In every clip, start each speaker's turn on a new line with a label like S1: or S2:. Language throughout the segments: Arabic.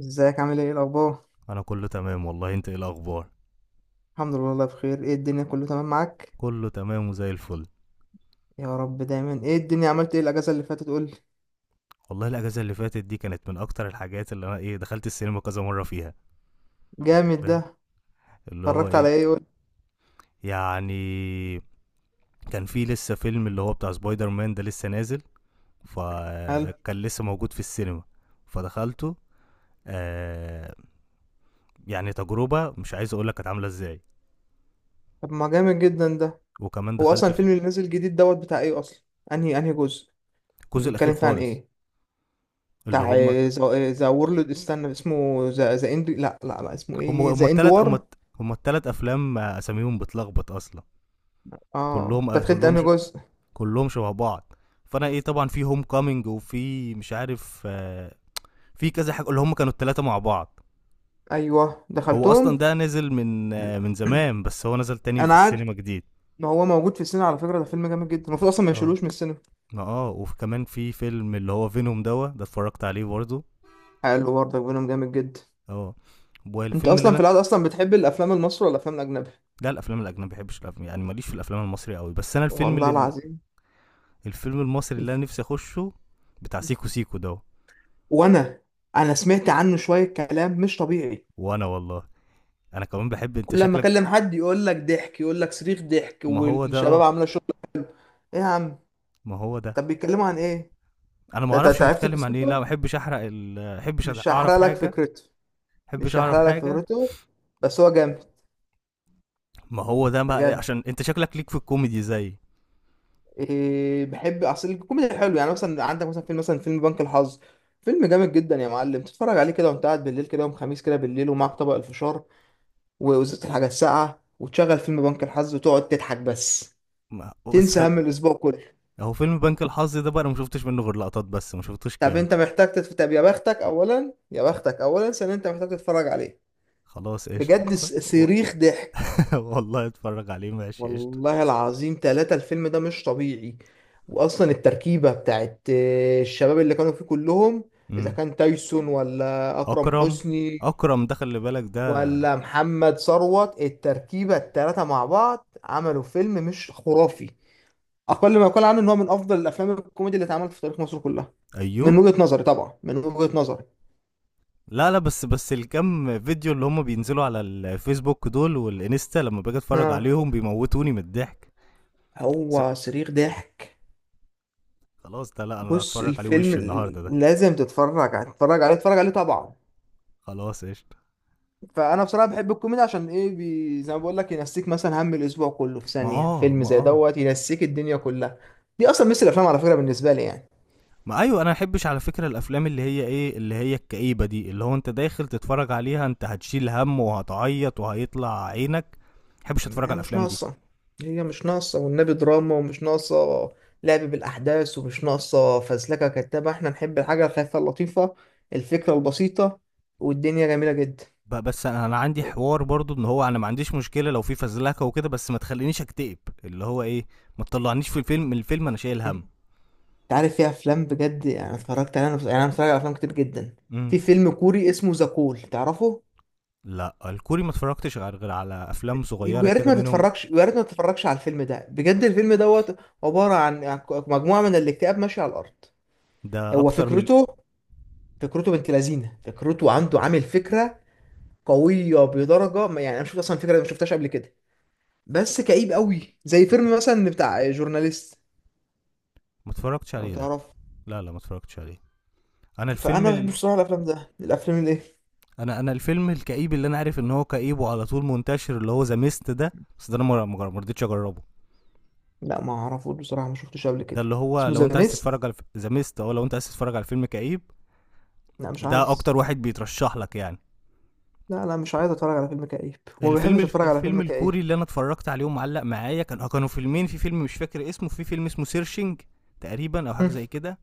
S1: ازيك؟ عامل ايه؟ إيه الاخبار؟
S2: انا كله تمام والله. انت ايه الاخبار؟
S1: الحمد لله والله بخير. ايه الدنيا، كله تمام معاك؟
S2: كله تمام وزي الفل.
S1: يا رب دايما. ايه الدنيا، عملت ايه الاجازه اللي فاتت؟ قول لي.
S2: والله الاجازه اللي فاتت دي كانت من اكتر الحاجات اللي انا دخلت السينما كذا مره فيها. انت
S1: جامد
S2: فاهم؟
S1: ده.
S2: اللي هو
S1: اتفرجت على
S2: ايه،
S1: ايه؟ قول لي.
S2: يعني كان في لسه فيلم اللي هو بتاع سبايدر مان ده لسه نازل،
S1: قال.
S2: فكان لسه موجود في السينما فدخلته. آه يعني تجربه مش عايز اقول لك كانت عامله ازاي.
S1: طب ما جامد جدا ده.
S2: وكمان
S1: هو
S2: دخلت
S1: اصلا
S2: في
S1: الفيلم اللي نازل جديد دوت بتاع ايه اصلا؟ انهي انهي جزء؟ اللي
S2: الجزء الاخير
S1: بيتكلم فيه عن
S2: خالص.
S1: ايه؟
S2: اللي
S1: بتاع
S2: هم،
S1: ذا وورلد، استنى اسمه ذا ذا اند، لا، اسمه
S2: هم
S1: ايه؟
S2: هم
S1: ذا اند
S2: التلات هم،
S1: وار.
S2: هم التلات افلام. اساميهم بتلخبط اصلا.
S1: اه،
S2: كلهم،
S1: انت دخلت انهي جزء؟
S2: كلهم شبه بعض. فانا طبعا في هوم كامينج وفي مش عارف، في كذا حاجه اللي هم كانوا الثلاثه مع بعض.
S1: ايوه،
S2: هو
S1: دخلتهم.
S2: اصلا ده نزل من من زمان، بس هو نزل تاني في
S1: انا عارف.
S2: السينما جديد.
S1: ما هو موجود في السينما، على فكره ده فيلم جامد جدا، المفروض اصلا ما
S2: اه.
S1: يشيلوش من السينما.
S2: اه، وكمان في فيلم اللي هو فينوم دوا ده اتفرجت عليه برضه.
S1: حلو، برضه بينهم جامد جدا.
S2: اه،
S1: انت
S2: والفيلم اللي
S1: اصلا في
S2: انا،
S1: العادة اصلا بتحب الافلام المصري ولا الافلام الاجنبي؟
S2: لا الافلام الاجنبيه. ما بحبش الافلام يعني، ماليش في الافلام المصري قوي، بس انا الفيلم
S1: والله
S2: اللي،
S1: العظيم.
S2: الفيلم المصري اللي انا نفسي اخشه بتاع سيكو سيكو ده.
S1: وانا انا سمعت عنه شوية كلام مش طبيعي.
S2: وانا والله انا كمان بحب. انت
S1: كل لما
S2: شكلك،
S1: اكلم حد يقول لك ضحك، يقول لك صريخ ضحك،
S2: ما هو ده
S1: والشباب
S2: اه،
S1: عاملة شغل. ايه يا عم؟
S2: ما هو ده.
S1: طب بيتكلموا عن ايه؟
S2: انا ما
S1: ده
S2: اعرفش
S1: انت عرفت
S2: بيتكلم عن ايه. لا
S1: قصته؟
S2: ما احبش احرق ما احبش
S1: مش هحرق
S2: اعرف
S1: لك
S2: حاجه. ما
S1: فكرته.
S2: احبش
S1: مش
S2: اعرف
S1: هحرق لك
S2: حاجه.
S1: فكرته، بس هو جامد
S2: ما هو ده بقى
S1: بجد.
S2: عشان انت شكلك ليك في الكوميدي زي.
S1: إيه، بحب اصل الكوميدي حلو. يعني مثلا عندك مثلا فيلم مثلا فيلم بنك الحظ، فيلم جامد جدا يا معلم. تتفرج عليه كده وانت قاعد بالليل كده، يوم خميس كده بالليل، ومعاك طبق الفشار ووزت الحاجة الساقعة، وتشغل فيلم بنك الحظ وتقعد تضحك بس،
S2: ما
S1: تنسى هم الأسبوع كله.
S2: هو فيلم بنك الحظ ده بقى انا ما شفتش منه غير لقطات بس، ما شفتوش
S1: طب
S2: كامل.
S1: أنت محتاج طب يا بختك أولا، يا بختك أولا، ثانيا أنت محتاج تتفرج عليه
S2: خلاص قشطه
S1: بجد.
S2: و-
S1: صريخ ضحك.
S2: والله اتفرج عليه ماشي قشطه.
S1: والله العظيم ثلاثة، الفيلم ده مش طبيعي. وأصلا التركيبة بتاعت الشباب اللي كانوا فيه كلهم، إذا
S2: امم.
S1: كان تايسون ولا أكرم
S2: اكرم،
S1: حسني
S2: اكرم ده خلي بالك ده.
S1: ولا محمد ثروت. التركيبة التلاتة مع بعض عملوا فيلم مش خرافي. اقل ما يقال عنه ان هو من افضل الافلام الكوميدي اللي اتعملت في تاريخ مصر كلها،
S2: ايوه.
S1: من وجهة نظري طبعا، من وجهة نظري.
S2: لا لا، بس الكم فيديو اللي هم بينزلوا على الفيسبوك دول والانستا لما باجي اتفرج
S1: اه،
S2: عليهم بيموتوني من الضحك. بس
S1: هو صريخ ضحك.
S2: خلاص ده، لا انا
S1: بص،
S2: هتفرج عليه
S1: الفيلم
S2: وش النهارده ده.
S1: لازم تتفرج عليه، تتفرج عليه، تتفرج عليه طبعا.
S2: خلاص قشطة.
S1: فانا بصراحه بحب الكوميدي عشان ايه، زي ما بقول لك ينسيك مثلا هم الاسبوع كله. في
S2: ما
S1: ثانيه
S2: اه،
S1: فيلم
S2: ما
S1: زي
S2: اه.
S1: دوت ينسيك الدنيا كلها. دي اصلا مثل الافلام على فكره بالنسبه لي يعني.
S2: ما ايوه، انا ما احبش على فكرة الافلام اللي هي ايه، اللي هي الكئيبة دي اللي هو انت داخل تتفرج عليها انت هتشيل هم وهتعيط وهيطلع عينك. ما احبش اتفرج
S1: هي
S2: على
S1: مش
S2: الافلام دي.
S1: ناقصة. هي مش ناقصة والنبي دراما ومش ناقصة لعب بالأحداث ومش ناقصة فزلكة كدابة. احنا نحب الحاجة الخفيفة اللطيفة، الفكرة البسيطة، والدنيا جميلة جدا.
S2: بس انا عندي حوار برضو ان هو انا ما عنديش مشكلة لو في فزلكة وكده، بس ما تخلينيش اكتئب. اللي هو ايه، ما تطلعنيش في الفيلم، من الفيلم انا شايل
S1: انت
S2: هم.
S1: عارف، في أفلام بجد يعني اتفرجت عليها يعني أنا متفرج على أفلام كتير جدا.
S2: امم.
S1: في فيلم كوري اسمه ذا كول، تعرفه؟
S2: لا الكوري ما اتفرجتش غير على افلام صغيرة
S1: ويا ريت
S2: كده
S1: ما
S2: منهم.
S1: تتفرجش، ويا ريت ما تتفرجش على الفيلم ده بجد. الفيلم دوت عبارة عن مجموعة من الاكتئاب ماشية على الأرض.
S2: ده
S1: هو
S2: اكتر من.
S1: فكرته، فكرته بنت لذينه، فكرته عنده عامل فكرة قويه بدرجه يعني انا شفت اصلا فكره ما شفتهاش قبل كده. بس كئيب قوي، زي فيلم مثلا بتاع جورناليست،
S2: ما اتفرجتش
S1: لو
S2: عليه ده.
S1: تعرف.
S2: لا لا ما اتفرجتش عليه. انا
S1: فانا ما بحبش بصراحه الافلام ده، الافلام اللي ايه.
S2: انا الفيلم الكئيب اللي انا عارف ان هو كئيب وعلى طول منتشر اللي هو ذا ميست ده، بس ده انا ما رضيتش اجربه.
S1: لا، ما اعرفوش بصراحه، ما شفتوش قبل
S2: ده
S1: كده.
S2: اللي هو
S1: اسمه
S2: لو
S1: ذا
S2: انت عايز
S1: ميست؟
S2: تتفرج على ذا ميست، او لو انت عايز تتفرج على فيلم كئيب
S1: لا، مش
S2: ده
S1: عايز.
S2: اكتر واحد بيترشح لك يعني.
S1: لا، مش عايز اتفرج على فيلم كئيب، وما
S2: الفيلم
S1: بحبش اتفرج على
S2: الفيلم
S1: فيلم كئيب.
S2: الكوري اللي انا اتفرجت عليه ومعلق معايا كان، كانوا فيلمين. في فيلم مش فاكر اسمه، في فيلم اسمه سيرشنج تقريبا او حاجه
S1: هم.
S2: زي كده،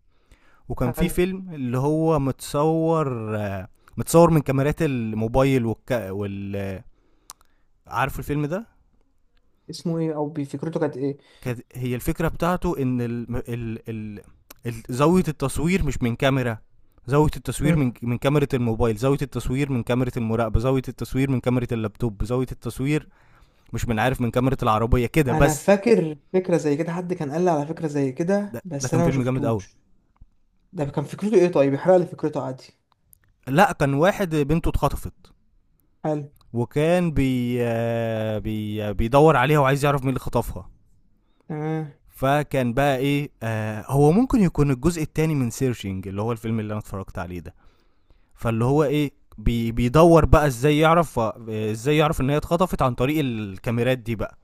S2: وكان في
S1: هل
S2: فيلم اللي هو متصور متصور من كاميرات الموبايل وال عارفه الفيلم ده؟
S1: اسمه ايه؟ او فكرته كانت ايه؟
S2: كانت هي الفكره بتاعته ان زاويه التصوير مش من كاميرا. زاويه التصوير
S1: هم.
S2: من كاميرا الموبايل، زاويه التصوير من كاميرا المراقبه، زاويه التصوير من كاميرا اللابتوب، زاويه التصوير مش من عارف من كاميرا العربيه كده
S1: انا
S2: بس.
S1: فاكر فكره زي كده، حد كان قال لي على فكره زي
S2: ده
S1: كده، بس
S2: كان
S1: انا ما
S2: فيلم جامد قوي.
S1: شفتوش. ده كان فكرته ايه؟ طيب يحرق لي فكرته عادي.
S2: لا كان واحد بنته اتخطفت،
S1: هل.
S2: وكان بيدور عليها وعايز يعرف مين اللي خطفها.
S1: تمام.
S2: فكان بقى ايه، آه هو ممكن يكون الجزء التاني من سيرشنج اللي هو الفيلم اللي انا اتفرجت عليه ده. فاللي هو ايه، بيدور بقى ازاي يعرف، ازاي يعرف ان هي اتخطفت عن طريق الكاميرات دي بقى.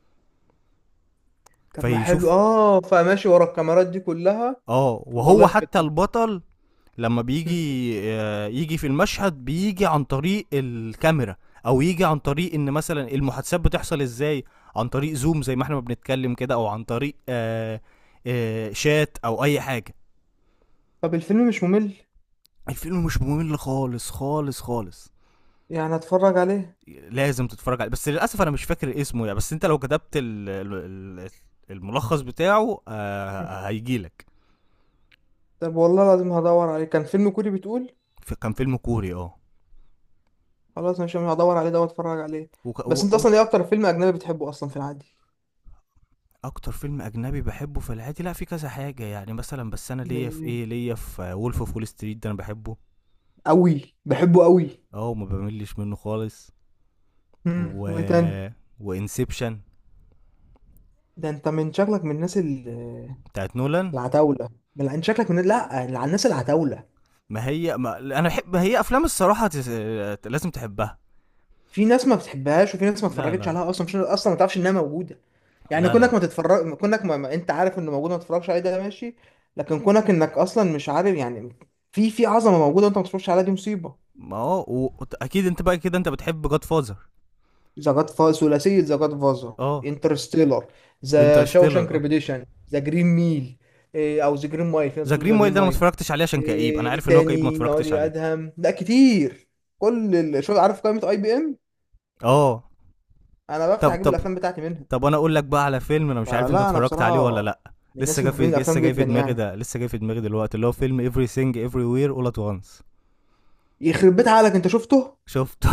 S1: طب ما حلو،
S2: فيشوف.
S1: اه، فماشي ورا الكاميرات دي كلها.
S2: اه،
S1: طب
S2: وهو
S1: والله
S2: حتى
S1: فكرة.
S2: البطل لما
S1: مم.
S2: بيجي، يجي في المشهد بيجي عن طريق الكاميرا، او يجي عن طريق ان مثلا المحادثات بتحصل ازاي عن طريق زوم زي ما احنا ما بنتكلم كده، او عن طريق شات او اي حاجه.
S1: طب الفيلم مش ممل؟
S2: الفيلم مش ممل خالص خالص خالص.
S1: يعني هتفرج عليه؟
S2: لازم تتفرج عليه، بس للاسف انا مش فاكر اسمه يعني، بس انت لو كتبت ال- الملخص بتاعه
S1: مم.
S2: هيجيلك.
S1: طب والله العظيم هدور عليه. كان فيلم كوري بتقول؟
S2: كان فيلم كوري اه.
S1: خلاص ماشي، انا هدور عليه ده واتفرج عليه.
S2: وك-
S1: بس
S2: و-
S1: انت
S2: و-
S1: اصلا ايه اكتر فيلم اجنبي بتحبه اصلا في العادي؟
S2: اكتر فيلم اجنبي بحبه في العادي، لا في كذا حاجه يعني مثلا، بس انا
S1: زي
S2: ليا في ايه،
S1: ايه؟
S2: ليا في وولف اوف وول ستريت ده انا بحبه.
S1: قوي بحبه قوي.
S2: اه وما بملش منه خالص. و
S1: وايه تاني؟
S2: وانسبشن
S1: ده انت من شكلك من الناس
S2: بتاعت نولان.
S1: العتاولة. انت شكلك من لا الناس العتاولة.
S2: ما هي، ما انا بحب، ما هي افلام الصراحه لازم تحبها.
S1: في ناس ما بتحبهاش، وفي ناس ما
S2: لا
S1: اتفرجتش
S2: لا
S1: عليها
S2: لا.
S1: اصلا، مش اصلا ما تعرفش انها موجوده. يعني
S2: لا
S1: كونك ما
S2: لا.
S1: تتفرج، كونك ما... ما... انت عارف انه موجود ما تتفرجش عليه، ده ماشي. لكن كونك انك اصلا مش عارف يعني، في في عظمه موجوده وانت ما تتفرجش عليها، دي مصيبه.
S2: ما اه اكيد انت بقى كده انت بتحب جاد فازر.
S1: ثلاثيه ذا جاد فازر،
S2: اه
S1: انترستيلر، ذا شاوشانك
S2: انترستيلر اه.
S1: ريبيديشن، ذا جرين ميل. إيه، او ذا جرين مايل، في ناس
S2: ذا
S1: بتقول
S2: جرين
S1: ذا جرين
S2: مايل ده انا ما
S1: مايل.
S2: اتفرجتش عليه عشان كئيب، انا
S1: ايه إيه
S2: عارف ان هو كئيب ما
S1: تاني يقعد
S2: اتفرجتش عليه.
S1: ادهم؟ لا كتير. شو عارف قائمه اي بي ام؟
S2: اه.
S1: انا
S2: طب
S1: بفتح اجيب
S2: طب
S1: الافلام بتاعتي منها.
S2: طب انا اقول لك بقى على فيلم انا مش
S1: آه
S2: عارف انت
S1: لا، انا
S2: اتفرجت عليه ولا
S1: بصراحه
S2: لا.
S1: من الناس
S2: لسه جاي
S1: اللي محبين
S2: في، لسه
S1: الافلام
S2: جاي
S1: جدا
S2: في دماغي
S1: يعني.
S2: ده، لسه جاي في دماغي دلوقتي اللي هو فيلم everything everywhere all at once.
S1: يخرب بيت عقلك، انت شفته؟
S2: شفته.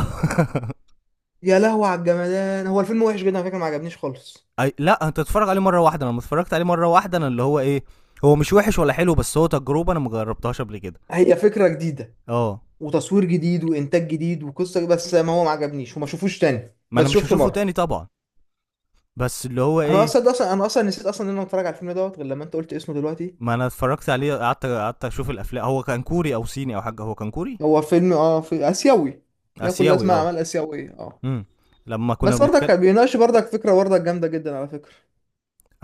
S1: يا لهوي على الجمدان. هو الفيلم وحش جدا على فكره، ما عجبنيش خالص.
S2: لا انت اتفرج عليه مره واحده. انا لما اتفرجت عليه مره واحده انا اللي هو ايه، هو مش وحش ولا حلو، بس هو تجربه انا ما جربتهاش قبل كده.
S1: هي فكره جديده
S2: اه.
S1: وتصوير جديد وانتاج جديد وقصه، بس ما هو ما عجبنيش، وما شوفوش تاني،
S2: ما انا
S1: بس
S2: مش
S1: شفته
S2: هشوفه
S1: مره.
S2: تاني طبعا، بس اللي هو
S1: انا
S2: ايه.
S1: اصلا ده اصلا انا اصلا نسيت اصلا ان انا اتفرج على الفيلم دوت غير لما انت قلت اسمه دلوقتي.
S2: ما انا اتفرجت عليه، قعدت اشوف الافلام. هو كان كوري او صيني او حاجه، هو كان كوري.
S1: هو فيلم اه في اسيوي. ياكل
S2: اسيوي
S1: اسماء
S2: اه.
S1: اعمال اسيويه، اه.
S2: امم. لما كنا
S1: بس برضك
S2: بنتكلم،
S1: كان بيناقش برضك فكره برضك جامده جدا على فكره.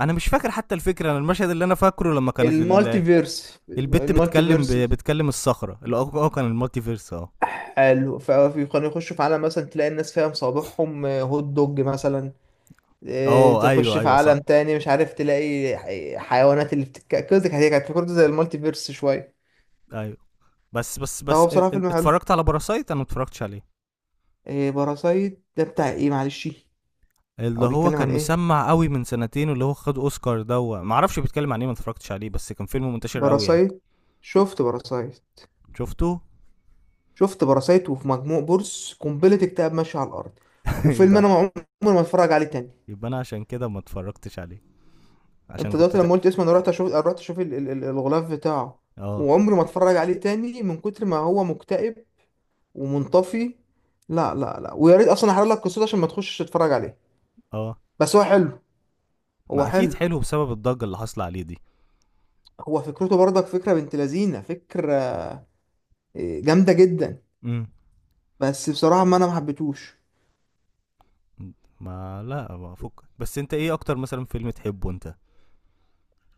S2: انا مش فاكر حتى الفكره. انا المشهد اللي انا فاكره لما كانت
S1: المالتي فيرس
S2: البت
S1: المالتي
S2: بتكلم،
S1: فيرس
S2: بتكلم الصخره. اللي هو كان المالتي فيرس اه.
S1: قالوا فكانوا يخشوا في عالم مثلا تلاقي الناس فيها مصابيحهم هوت دوج مثلا.
S2: اه
S1: تخش
S2: ايوه
S1: في
S2: ايوه صح.
S1: عالم تاني مش عارف تلاقي حيوانات اللي بتتك كده. كانت فكرته زي المالتي فيرس شوية.
S2: ايوه. بس بس بس
S1: فهو بصراحة فيلم حلو.
S2: اتفرجت على باراسايت. انا ما اتفرجتش عليه.
S1: باراسايت ده بتاع ايه؟ معلش.
S2: اللي
S1: او
S2: هو
S1: بيتكلم
S2: كان
S1: عن ايه
S2: مسمع قوي من سنتين واللي هو خد اوسكار ده ما اعرفش بيتكلم عن ايه، ما اتفرجتش عليه، بس كان فيلم منتشر قوي يعني.
S1: باراسايت؟ شفت باراسايت؟
S2: شفته.
S1: شفت باراسايت وفي مجموع بورس قنبلة اكتئاب ماشية على الأرض. وفيلم
S2: يبقى
S1: أنا
S2: انا،
S1: عمري ما اتفرج عليه تاني.
S2: يبقى انا عشان كده ما اتفرجتش عليه، عشان
S1: انت
S2: كنت
S1: دلوقتي لما قلت اسمه انا رحت اشوف، رحت اشوف الغلاف بتاعه.
S2: اه
S1: وعمري ما اتفرج عليه تاني، من كتر ما هو مكتئب ومنطفي. لا، ويا ريت اصلا احرق لك قصته عشان ما تخشش تتفرج عليه.
S2: اه.
S1: بس هو حلو. هو
S2: ما اكيد
S1: حلو.
S2: حلو بسبب الضجة اللي حاصلة عليه دي.
S1: هو فكرته برضك فكره بنت لذينه، فكره اه، جامده جدا.
S2: امم.
S1: بس بصراحه ما ما حبيتهوش.
S2: ما لا، ما فك بس انت ايه اكتر مثلا فيلم تحبه انت؟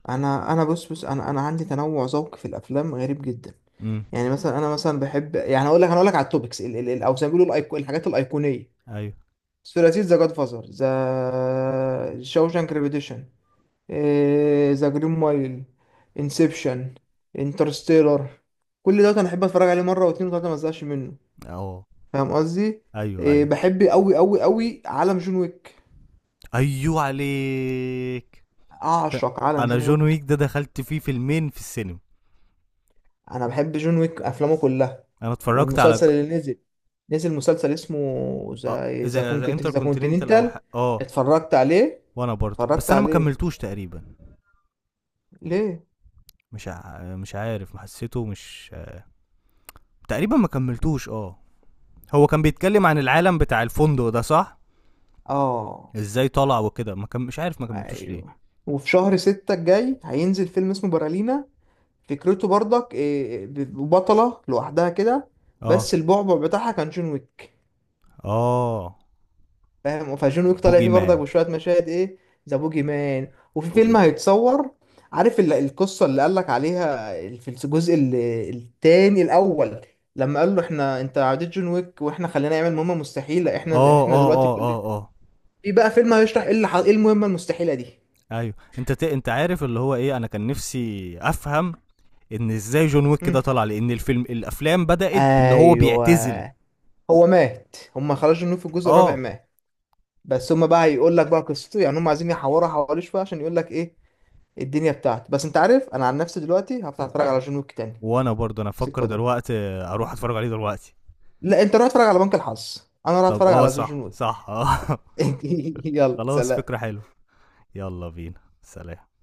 S1: انا بص، انا عندي تنوع ذوق في الافلام غريب جدا.
S2: امم.
S1: يعني مثلا انا مثلا بحب، يعني اقول لك، انا اقول لك على التوبكس، او زي ما بيقولوا الحاجات الايقونيه.
S2: ايوه.
S1: ثلاثية ذا جاد فازر، ذا شاوشانك ريبيتيشن، ذا جرين مايل، انسبشن، انترستيلر. كل ده انا احب اتفرج عليه مره واتنين وتلاته ما ازهقش منه.
S2: اه
S1: فاهم قصدي؟
S2: ايوه
S1: إيه
S2: ايوه.
S1: بحب قوي قوي قوي عالم جون ويك.
S2: ايوه عليك. لا،
S1: اعشق عالم
S2: انا
S1: جون
S2: جون
S1: ويك.
S2: ويك ده دخلت فيه فيلمين في السينما.
S1: انا بحب جون ويك افلامه كلها.
S2: انا اتفرجت على
S1: والمسلسل اللي نزل، نزل مسلسل اسمه
S2: اه،
S1: ذا
S2: ذا
S1: كونكت،
S2: انتر
S1: ذا
S2: كونتيننتال او
S1: كونتيننتال.
S2: اه.
S1: اتفرجت عليه؟
S2: وانا برضو،
S1: اتفرجت
S2: بس انا ما
S1: عليه
S2: كملتوش تقريبا.
S1: ليه؟
S2: مش عارف، ما حسيته مش، تقريبا ما كملتوش اه. هو كان بيتكلم عن العالم بتاع الفندق ده صح؟
S1: اه
S2: ازاي طلع وكده، ما كم... مش عارف ما كملتوش ليه.
S1: ايوه. وفي شهر ستة الجاي هينزل فيلم اسمه برالينا. فكرته برضك إيه، بطلة لوحدها كده،
S2: اه.
S1: بس البعبع بتاعها كان جون ويك.
S2: اه.
S1: فاهم؟ فجون ويك طالع
S2: بوجي
S1: فيه برضك
S2: مان.
S1: بشوية مشاهد ايه، ذا بوجي مان. وفي
S2: بوجي
S1: فيلم
S2: مان.
S1: هيتصور، عارف القصة اللي قالك عليها في التاني، الأول؟ لما قال له احنا انت عديت جون ويك، واحنا خلينا نعمل مهمة مستحيلة،
S2: اه
S1: احنا
S2: اه
S1: دلوقتي
S2: اه
S1: كلنا.
S2: اه اه.
S1: في بقى فيلم هيشرح ايه اللي ايه المهمة المستحيلة دي.
S2: ايوه انت انت عارف اللي هو ايه، انا كان نفسي افهم ان ازاي جون ويك
S1: مم.
S2: كده طلع، لان الفيلم، الافلام بدأت بان هو
S1: ايوه.
S2: بيعتزل.
S1: هو مات، هم خرجوا منه في الجزء الرابع،
S2: اه.
S1: مات. بس هم بقى هيقول لك بقى قصته يعني، هم عايزين يحوروا حواليه شويه عشان يقول لك ايه الدنيا بتاعته. بس انت عارف انا عن نفسي دلوقتي هفتح اتفرج على جون ويك تاني.
S2: وانا برضه انا افكر
S1: سكه دول.
S2: دلوقتي اروح اتفرج عليه دلوقتي.
S1: لا انت روح اتفرج على بنك الحظ، انا راح
S2: طب
S1: اتفرج
S2: اه
S1: على
S2: صح
S1: جون ويك.
S2: صح اه.
S1: يلا
S2: خلاص فكرة
S1: سلام.
S2: حلوة. يلا بينا سلام.